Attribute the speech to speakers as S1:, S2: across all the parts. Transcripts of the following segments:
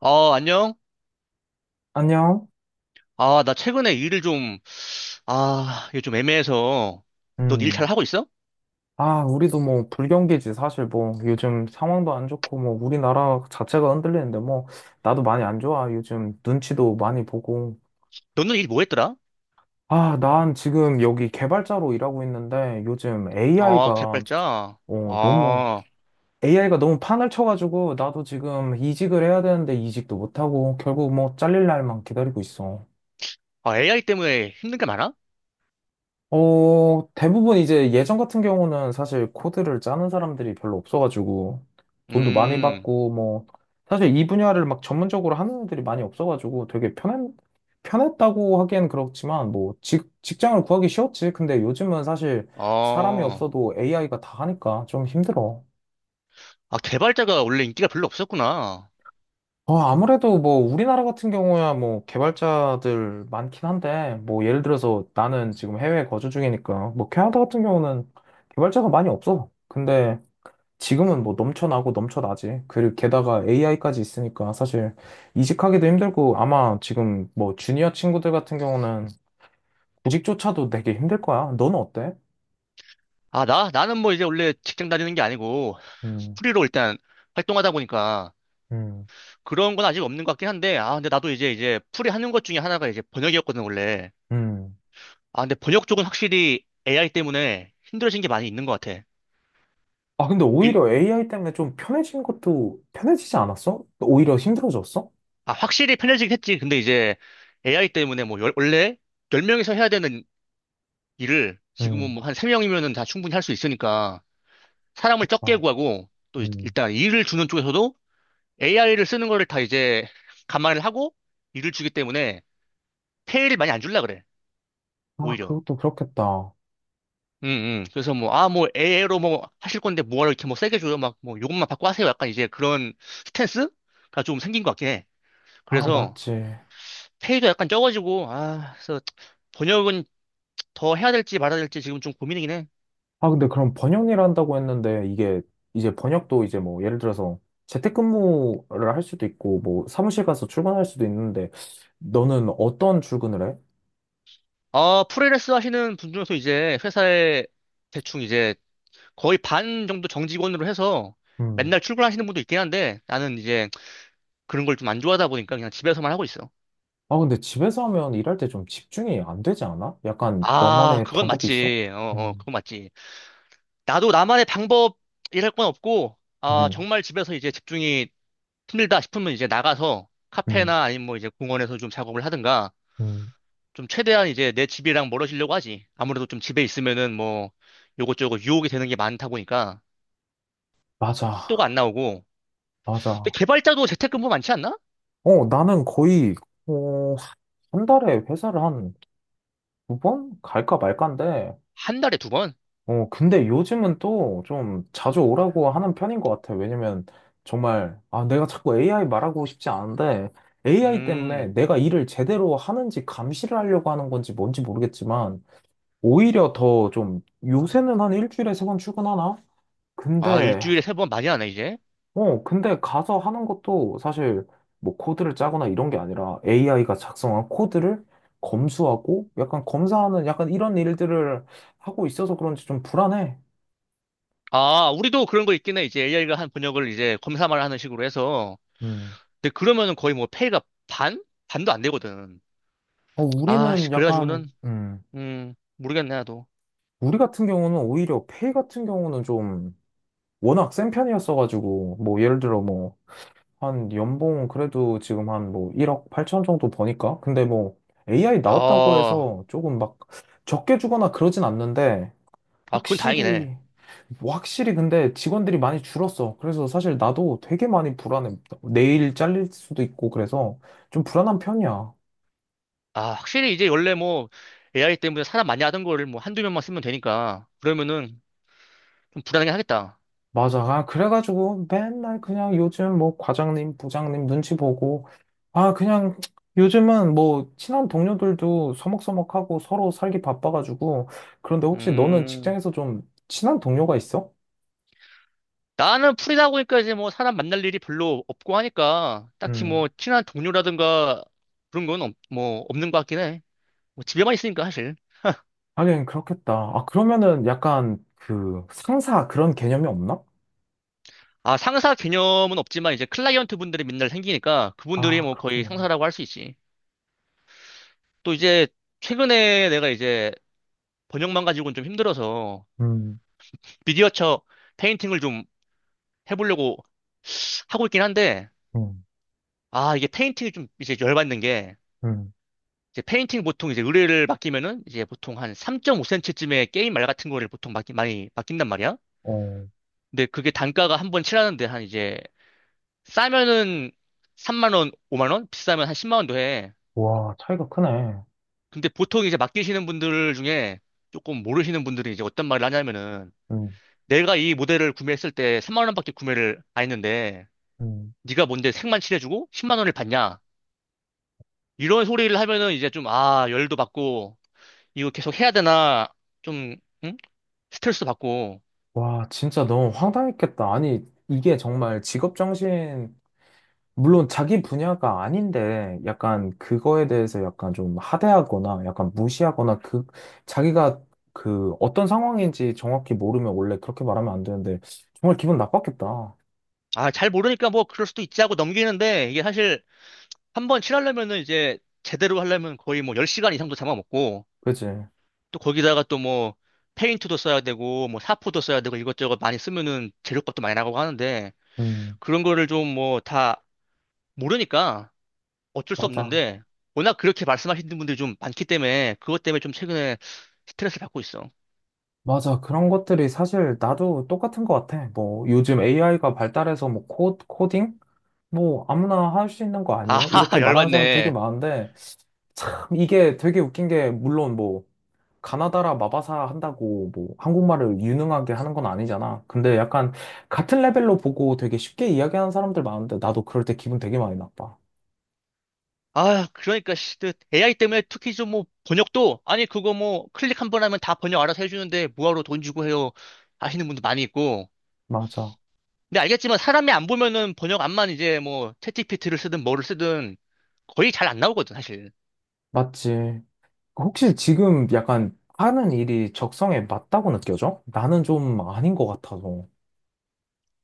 S1: 아, 안녕?
S2: 안녕.
S1: 아, 나 최근에 일을 좀, 아, 이게 좀 애매해서. 넌 일 잘
S2: 음.
S1: 하고 있어?
S2: 아, 우리도 뭐 불경기지 사실 뭐 요즘 상황도 안 좋고 뭐 우리나라 자체가 흔들리는데 뭐 나도 많이 안 좋아. 요즘 눈치도 많이 보고.
S1: 너는 일 뭐 했더라?
S2: 아, 난 지금 여기 개발자로 일하고 있는데 요즘
S1: 아,
S2: AI가
S1: 개발자.
S2: 어, 너무
S1: 아,
S2: AI가 너무 판을 쳐가지고 나도 지금 이직을 해야 되는데 이직도 못하고 결국 뭐 잘릴 날만 기다리고 있어.
S1: 아, AI 때문에 힘든 게 많아?
S2: 어, 대부분 이제 예전 같은 경우는 사실 코드를 짜는 사람들이 별로 없어가지고 돈도 많이
S1: 음,
S2: 받고 뭐 사실 이 분야를 막 전문적으로 하는 애들이 많이 없어가지고 되게 편한 편했다고 하기엔 그렇지만 뭐 직장을 구하기 쉬웠지. 근데 요즘은 사실 사람이
S1: 아,
S2: 없어도 AI가 다 하니까 좀 힘들어.
S1: 아, 개발자가 원래 인기가 별로 없었구나.
S2: 어, 아무래도 뭐 우리나라 같은 경우야 뭐 개발자들 많긴 한데 뭐 예를 들어서 나는 지금 해외에 거주 중이니까 뭐 캐나다 같은 경우는 개발자가 많이 없어. 근데 지금은 뭐 넘쳐나고 넘쳐나지. 그리고 게다가 AI까지 있으니까 사실 이직하기도 힘들고 아마 지금 뭐 주니어 친구들 같은 경우는 구직조차도 되게 힘들 거야. 너는 어때?
S1: 아, 나는 뭐 이제 원래 직장 다니는 게 아니고,
S2: 음,
S1: 프리로 일단 활동하다 보니까
S2: 음,
S1: 그런 건 아직 없는 것 같긴 한데, 아, 근데 나도 이제 프리 하는 것 중에 하나가 이제 번역이었거든, 원래.
S2: 음.
S1: 아, 근데 번역 쪽은 확실히 AI 때문에 힘들어진 게 많이 있는 것 같아.
S2: 아, 근데
S1: 일-
S2: 오히려 AI 때문에 좀 편해진 것도 편해지지 않았어? 오히려 힘들어졌어?
S1: 아, 확실히 편해지긴 했지. 근데 이제 AI 때문에 뭐, 원래 10명이서 해야 되는 일을 지금은
S2: 음.
S1: 뭐 한 3명이면은 다 충분히 할 수 있으니까 사람을 적게 구하고 또
S2: 음.
S1: 일단 일을 주는 쪽에서도 AI를 쓰는 거를 다 이제 감안을 하고 일을 주기 때문에 페이를 많이 안 줄라 그래.
S2: 아,
S1: 오히려.
S2: 그것도 그렇겠다.
S1: 응, 응. 그래서 뭐, 아, 뭐, AI로 뭐 하실 건데 뭐하러 이렇게 뭐 세게 줘요. 막 뭐 요것만 받고 하세요. 약간 이제 그런 스탠스가 좀 생긴 것 같긴 해.
S2: 아,
S1: 그래서
S2: 맞지.
S1: 페이도 약간 적어지고, 아, 그래서 번역은 더 해야 될지 말아야 될지 지금 좀 고민이긴 해.
S2: 아, 근데 그럼 번역 일 한다고 했는데 이게 이제 번역도 이제 뭐 예를 들어서 재택근무를 할 수도 있고 뭐 사무실 가서 출근할 수도 있는데 너는 어떤 출근을 해?
S1: 아, 프리랜서 하시는 분 중에서 이제 회사에 대충 이제 거의 반 정도 정직원으로 해서
S2: 음.
S1: 맨날 출근하시는 분도 있긴 한데 나는 이제 그런 걸 좀 안 좋아하다 보니까 그냥 집에서만 하고 있어.
S2: 아, 근데 집에서 하면 일할 때 좀 집중이 안 되지 않아? 약간
S1: 아,
S2: 너만의
S1: 그건
S2: 방법이 있어?
S1: 맞지. 어, 어,
S2: 음,
S1: 그건 맞지. 나도 나만의 방법이랄 건 없고, 아,
S2: 음,
S1: 정말 집에서 이제 집중이 힘들다 싶으면 이제 나가서
S2: 음,
S1: 카페나 아니면 뭐 이제 공원에서 좀 작업을 하든가
S2: 음.
S1: 좀 최대한 이제 내 집이랑 멀어지려고 하지. 아무래도 좀 집에 있으면은 뭐 요것저것 유혹이 되는 게 많다 보니까
S2: 맞아,
S1: 속도가 안 나오고. 근데
S2: 맞아.
S1: 개발자도 재택근무 많지 않나?
S2: 어, 나는 거의, 어, 한 달에 회사를 한 두 번 갈까 말까인데,
S1: 한 달에 두 번?
S2: 어, 근데 요즘은 또 좀 자주 오라고 하는 편인 것 같아. 왜냐면 정말, 아, 내가 자꾸 AI 말하고 싶지 않은데 AI 때문에
S1: 음.
S2: 내가 일을 제대로 하는지 감시를 하려고 하는 건지 뭔지 모르겠지만 오히려 더 좀 요새는 한 일주일에 세 번 출근하나?
S1: 아,
S2: 근데,
S1: 일주일에 세 번 많이 하네, 이제.
S2: 근데 가서 하는 것도 사실 뭐 코드를 짜거나 이런 게 아니라 AI가 작성한 코드를 검수하고 약간 검사하는 약간 이런 일들을 하고 있어서 그런지 좀 불안해.
S1: 아, 우리도 그런 거 있긴 해. 이제 AI가 한 번역을 이제 검사만 하는 식으로 해서.
S2: 음.
S1: 근데 그러면은 거의 뭐 페이가 반? 반도 안 되거든.
S2: 어,
S1: 아,
S2: 우리는
S1: 씨,
S2: 약간,
S1: 그래가지고는, 모르겠네, 나도.
S2: 우리 같은 경우는 오히려 페이 같은 경우는 좀 워낙 센 편이었어가지고, 뭐, 예를 들어 뭐, 한 연봉 그래도 지금 한 뭐, 1억 8천 정도 버니까? 근데 뭐, AI 나왔다고
S1: 야,
S2: 해서 조금 막 적게 주거나 그러진 않는데,
S1: 아, 그건 다행이네.
S2: 확실히, 확실히 근데 직원들이 많이 줄었어. 그래서 사실 나도 되게 많이 불안해. 내일 잘릴 수도 있고, 그래서 좀 불안한 편이야.
S1: 아, 확실히 이제 원래 뭐 AI 때문에 사람 많이 하던 거를 뭐 한두 명만 쓰면 되니까 그러면은 좀 불안하긴 하겠다.
S2: 맞아. 아, 그래가지고 맨날 그냥 요즘 뭐 과장님, 부장님 눈치 보고, 아, 그냥 요즘은 뭐 친한 동료들도 서먹서먹하고 서로 살기 바빠가지고, 그런데 혹시 너는
S1: 음,
S2: 직장에서 좀 친한 동료가 있어?
S1: 나는 풀이다 보니까 이제 뭐 사람 만날 일이 별로 없고 하니까 딱히
S2: 음,
S1: 뭐 친한 동료라든가 그런 건 뭐 없는 것 같긴 해. 뭐 집에만 있으니까 사실.
S2: 하긴 그렇겠다. 아, 그러면은 약간 그 상사 그런 개념이 없나?
S1: 아, 상사 개념은 없지만 이제 클라이언트 분들이 맨날 생기니까 그분들이
S2: 아,
S1: 뭐 거의
S2: 그렇겠네.
S1: 상사라고 할 수 있지. 또 이제 최근에 내가 이제 번역만 가지고는 좀 힘들어서
S2: 음,
S1: 미디어처 페인팅을 좀 해보려고 하고 있긴 한데
S2: 음,
S1: 아, 이게 페인팅이 좀 이제 열받는 게,
S2: 음.
S1: 이제 페인팅 보통 이제 의뢰를 맡기면은 이제 보통 한 3.5cm쯤의 게임 말 같은 거를 보통 많이 맡긴단 말이야.
S2: 어,
S1: 근데 그게 단가가 한번 칠하는데 한 이제 싸면은 3만 원, 5만 원, 비싸면 한 10만 원도 해.
S2: 와, 차이가 크네.
S1: 근데 보통 이제 맡기시는 분들 중에 조금 모르시는 분들이 이제 어떤 말을 하냐면은
S2: 음,
S1: 내가 이 모델을 구매했을 때 3만 원밖에 구매를 안 했는데
S2: 음.
S1: 네가 뭔데 색만 칠해주고 10만 원을 받냐? 이런 소리를 하면은 이제 좀 아, 열도 받고 이거 계속 해야 되나, 좀, 응? 스트레스 받고.
S2: 와, 진짜 너무 황당했겠다. 아니, 이게 정말 직업 정신, 물론 자기 분야가 아닌데, 약간 그거에 대해서 약간 좀 하대하거나, 약간 무시하거나, 그, 자기가 그 어떤 상황인지 정확히 모르면 원래 그렇게 말하면 안 되는데, 정말 기분 나빴겠다.
S1: 아, 잘 모르니까 뭐 그럴 수도 있지 하고 넘기는데, 이게 사실 한 번 칠하려면은 이제 제대로 하려면 거의 뭐 10시간 이상도 잡아먹고,
S2: 그지?
S1: 또 거기다가 또 뭐 페인트도 써야 되고, 뭐 사포도 써야 되고, 이것저것 많이 쓰면은 재료값도 많이 나가고 하는데,
S2: 음,
S1: 그런 거를 좀 뭐 다 모르니까 어쩔 수
S2: 맞아.
S1: 없는데, 워낙 그렇게 말씀하시는 분들이 좀 많기 때문에, 그것 때문에 좀 최근에 스트레스 받고 있어.
S2: 맞아. 그런 것들이 사실 나도 똑같은 것 같아. 뭐, 요즘 AI가 발달해서 뭐, 코딩? 뭐, 아무나 할 수 있는 거
S1: 아,
S2: 아니에요? 이렇게 말하는 사람 되게
S1: 열받네.
S2: 많은데, 참 이게 되게 웃긴 게 물론 뭐 가나다라 마바사 한다고 뭐 한국말을 유능하게 하는 건 아니잖아. 근데 약간 같은 레벨로 보고 되게 쉽게 이야기하는 사람들 많은데 나도 그럴 때 기분 되게 많이 나빠.
S1: 아, 그러니까, 씨, 그 AI 때문에 특히 좀 뭐, 번역도, 아니, 그거 뭐, 클릭 한번 하면 다 번역 알아서 해주는데, 뭐하러 돈 주고 해요. 하시는 분도 많이 있고.
S2: 맞아.
S1: 근데 알겠지만, 사람이 안 보면은 번역 안만 이제 뭐, 챗GPT를 쓰든 뭐를 쓰든 거의 잘 안 나오거든, 사실.
S2: 맞지. 혹시
S1: 그래서
S2: 지금 약간 하는 일이 적성에 맞다고 느껴져? 나는 좀 아닌 것 같아서.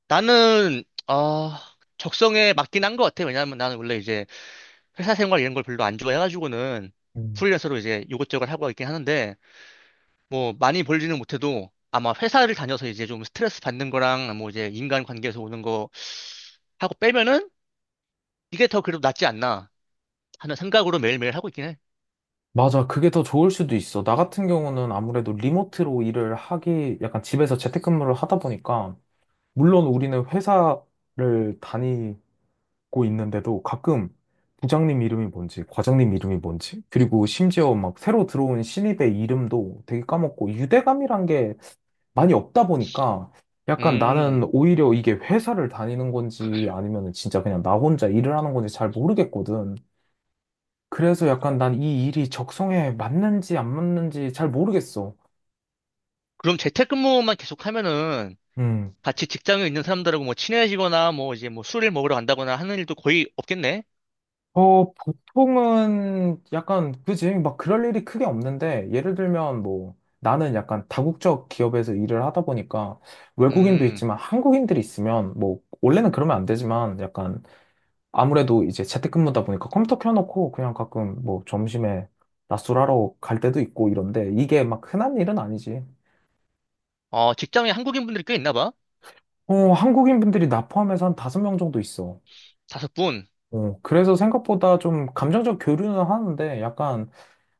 S1: 나는, 아, 적성에 맞긴 한 것 같아. 왜냐하면 나는 원래 이제 회사 생활 이런 걸 별로 안 좋아해가지고는
S2: 음.
S1: 프리랜서로 이제 이것저것 하고 있긴 하는데, 뭐 많이 벌지는 못해도 아마 회사를 다녀서 이제 좀 스트레스 받는 거랑 뭐 이제 인간 관계에서 오는 거 하고 빼면은 이게 더 그래도 낫지 않나 하는 생각으로 매일매일 하고 있긴 해.
S2: 맞아. 그게 더 좋을 수도 있어. 나 같은 경우는 아무래도 리모트로 일을 하기, 약간 집에서 재택근무를 하다 보니까, 물론 우리는 회사를 고 있는데도 가끔 부장님 이름이 뭔지, 과장님 이름이 뭔지, 그리고 심지어 막 새로 들어온 신입의 이름도 되게 까먹고 유대감이란 게 많이 없다 보니까 약간 나는
S1: 음.
S2: 오히려 이게 회사를 다니는 건지 아니면 진짜 그냥 나 혼자 일을 하는 건지 잘 모르겠거든. 그래서 약간 난 이 일이 적성에 맞는지 안 맞는지 잘 모르겠어.
S1: 그럼 재택근무만 계속 하면은
S2: 음.
S1: 같이 직장에 있는 사람들하고 뭐 친해지거나 뭐 이제 뭐 술을 먹으러 간다거나 하는 일도 거의 없겠네.
S2: 어, 보통은 약간, 그지? 막 그럴 일이 크게 없는데, 예를 들면 뭐, 나는 약간 다국적 기업에서 일을 하다 보니까, 외국인도
S1: 음.
S2: 있지만 한국인들이 있으면, 뭐, 원래는 그러면 안 되지만, 약간, 아무래도 이제 재택근무다 보니까 컴퓨터 켜놓고, 그냥 가끔 뭐, 점심에 낮술하러 갈 때도 있고 이런데, 이게 막 흔한 일은 아니지.
S1: 어, 직장에 한국인 분들이 꽤 있나 봐.
S2: 어, 한국인 분들이 나 포함해서 한 다섯 명 정도 있어.
S1: 다섯 분.
S2: 어, 그래서 생각보다 좀 감정적 교류는 하는데, 약간,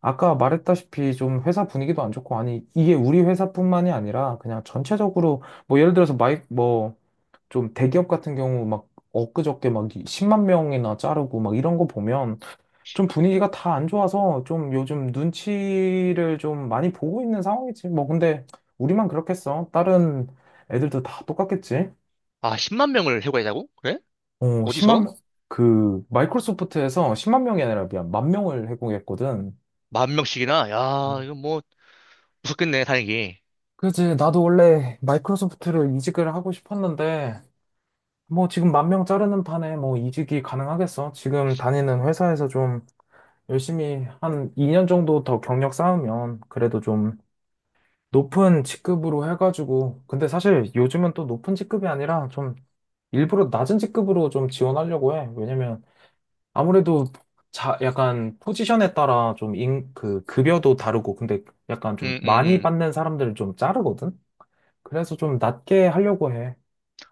S2: 아까 말했다시피 좀 회사 분위기도 안 좋고, 아니, 이게 우리 회사뿐만이 아니라 그냥 전체적으로, 뭐 예를 들어서 뭐 좀 대기업 같은 경우 막 엊그저께 막 10만 명이나 자르고 막 이런 거 보면 좀 분위기가 다 안 좋아서 좀 요즘 눈치를 좀 많이 보고 있는 상황이지. 뭐 근데 우리만 그렇겠어. 다른 애들도 다 똑같겠지.
S1: 아, 10만 명을 해고하자고? 그래?
S2: 어, 10만
S1: 어디서?
S2: 명, 그 마이크로소프트에서 10만 명이 아니라 미안, 만 명을 해고했거든.
S1: 만 명씩이나? 야, 이거 뭐 무섭겠네, 다행히.
S2: 그지. 나도 원래 마이크로소프트를 이직을 하고 싶었는데, 뭐 지금 만 명 자르는 판에 뭐 이직이 가능하겠어. 지금 다니는 회사에서 좀 열심히 한 2년 정도 더 경력 쌓으면 그래도 좀 높은 직급으로 해가지고. 근데 사실 요즘은 또 높은 직급이 아니라 좀 일부러 낮은 직급으로 좀 지원하려고 해. 왜냐면 아무래도 약간 포지션에 따라 좀 그 급여도 다르고, 근데 약간
S1: 음,
S2: 좀
S1: 음,
S2: 많이
S1: 음.
S2: 받는 사람들을 좀 자르거든? 그래서 좀 낮게 하려고 해.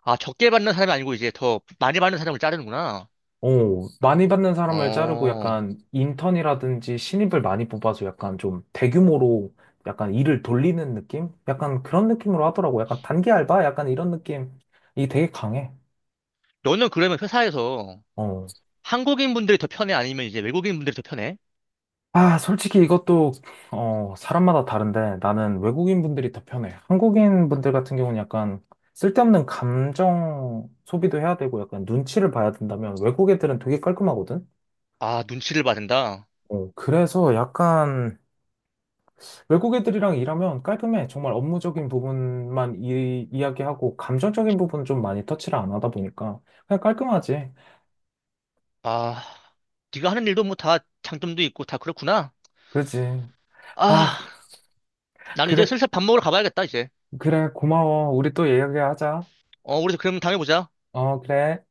S1: 아, 적게 받는 사람이 아니고 이제 더 많이 받는 사람을 자르는구나.
S2: 어, 많이 받는 사람을 자르고
S1: 어,
S2: 약간 인턴이라든지 신입을 많이 뽑아서 약간 좀 대규모로 약간 일을 돌리는 느낌? 약간 그런 느낌으로 하더라고. 약간 단기 알바? 약간 이런 느낌이 되게 강해.
S1: 너는 그러면 회사에서
S2: 어.
S1: 한국인 분들이 더 편해? 아니면 이제 외국인 분들이 더 편해?
S2: 아, 솔직히 이것도, 사람마다 다른데 나는 외국인 분들이 더 편해. 한국인 분들 같은 경우는 약간 쓸데없는 감정 소비도 해야 되고 약간 눈치를 봐야 된다면 외국 애들은 되게 깔끔하거든?
S1: 아, 눈치를 받는다.
S2: 어, 그래서 약간 외국 애들이랑 일하면 깔끔해. 정말 업무적인 부분만 이야기하고 감정적인 부분 좀 많이 터치를 안 하다 보니까 그냥 깔끔하지.
S1: 아, 네가 하는 일도 뭐 다 장점도 있고 다 그렇구나.
S2: 그지.
S1: 아,
S2: 아,
S1: 나는 이제
S2: 그래,
S1: 슬슬 밥 먹으러 가봐야겠다, 이제.
S2: 그래, 고마워. 우리 또 얘기하자.
S1: 어, 우리 그럼 다음에 보자.
S2: 어, 그래.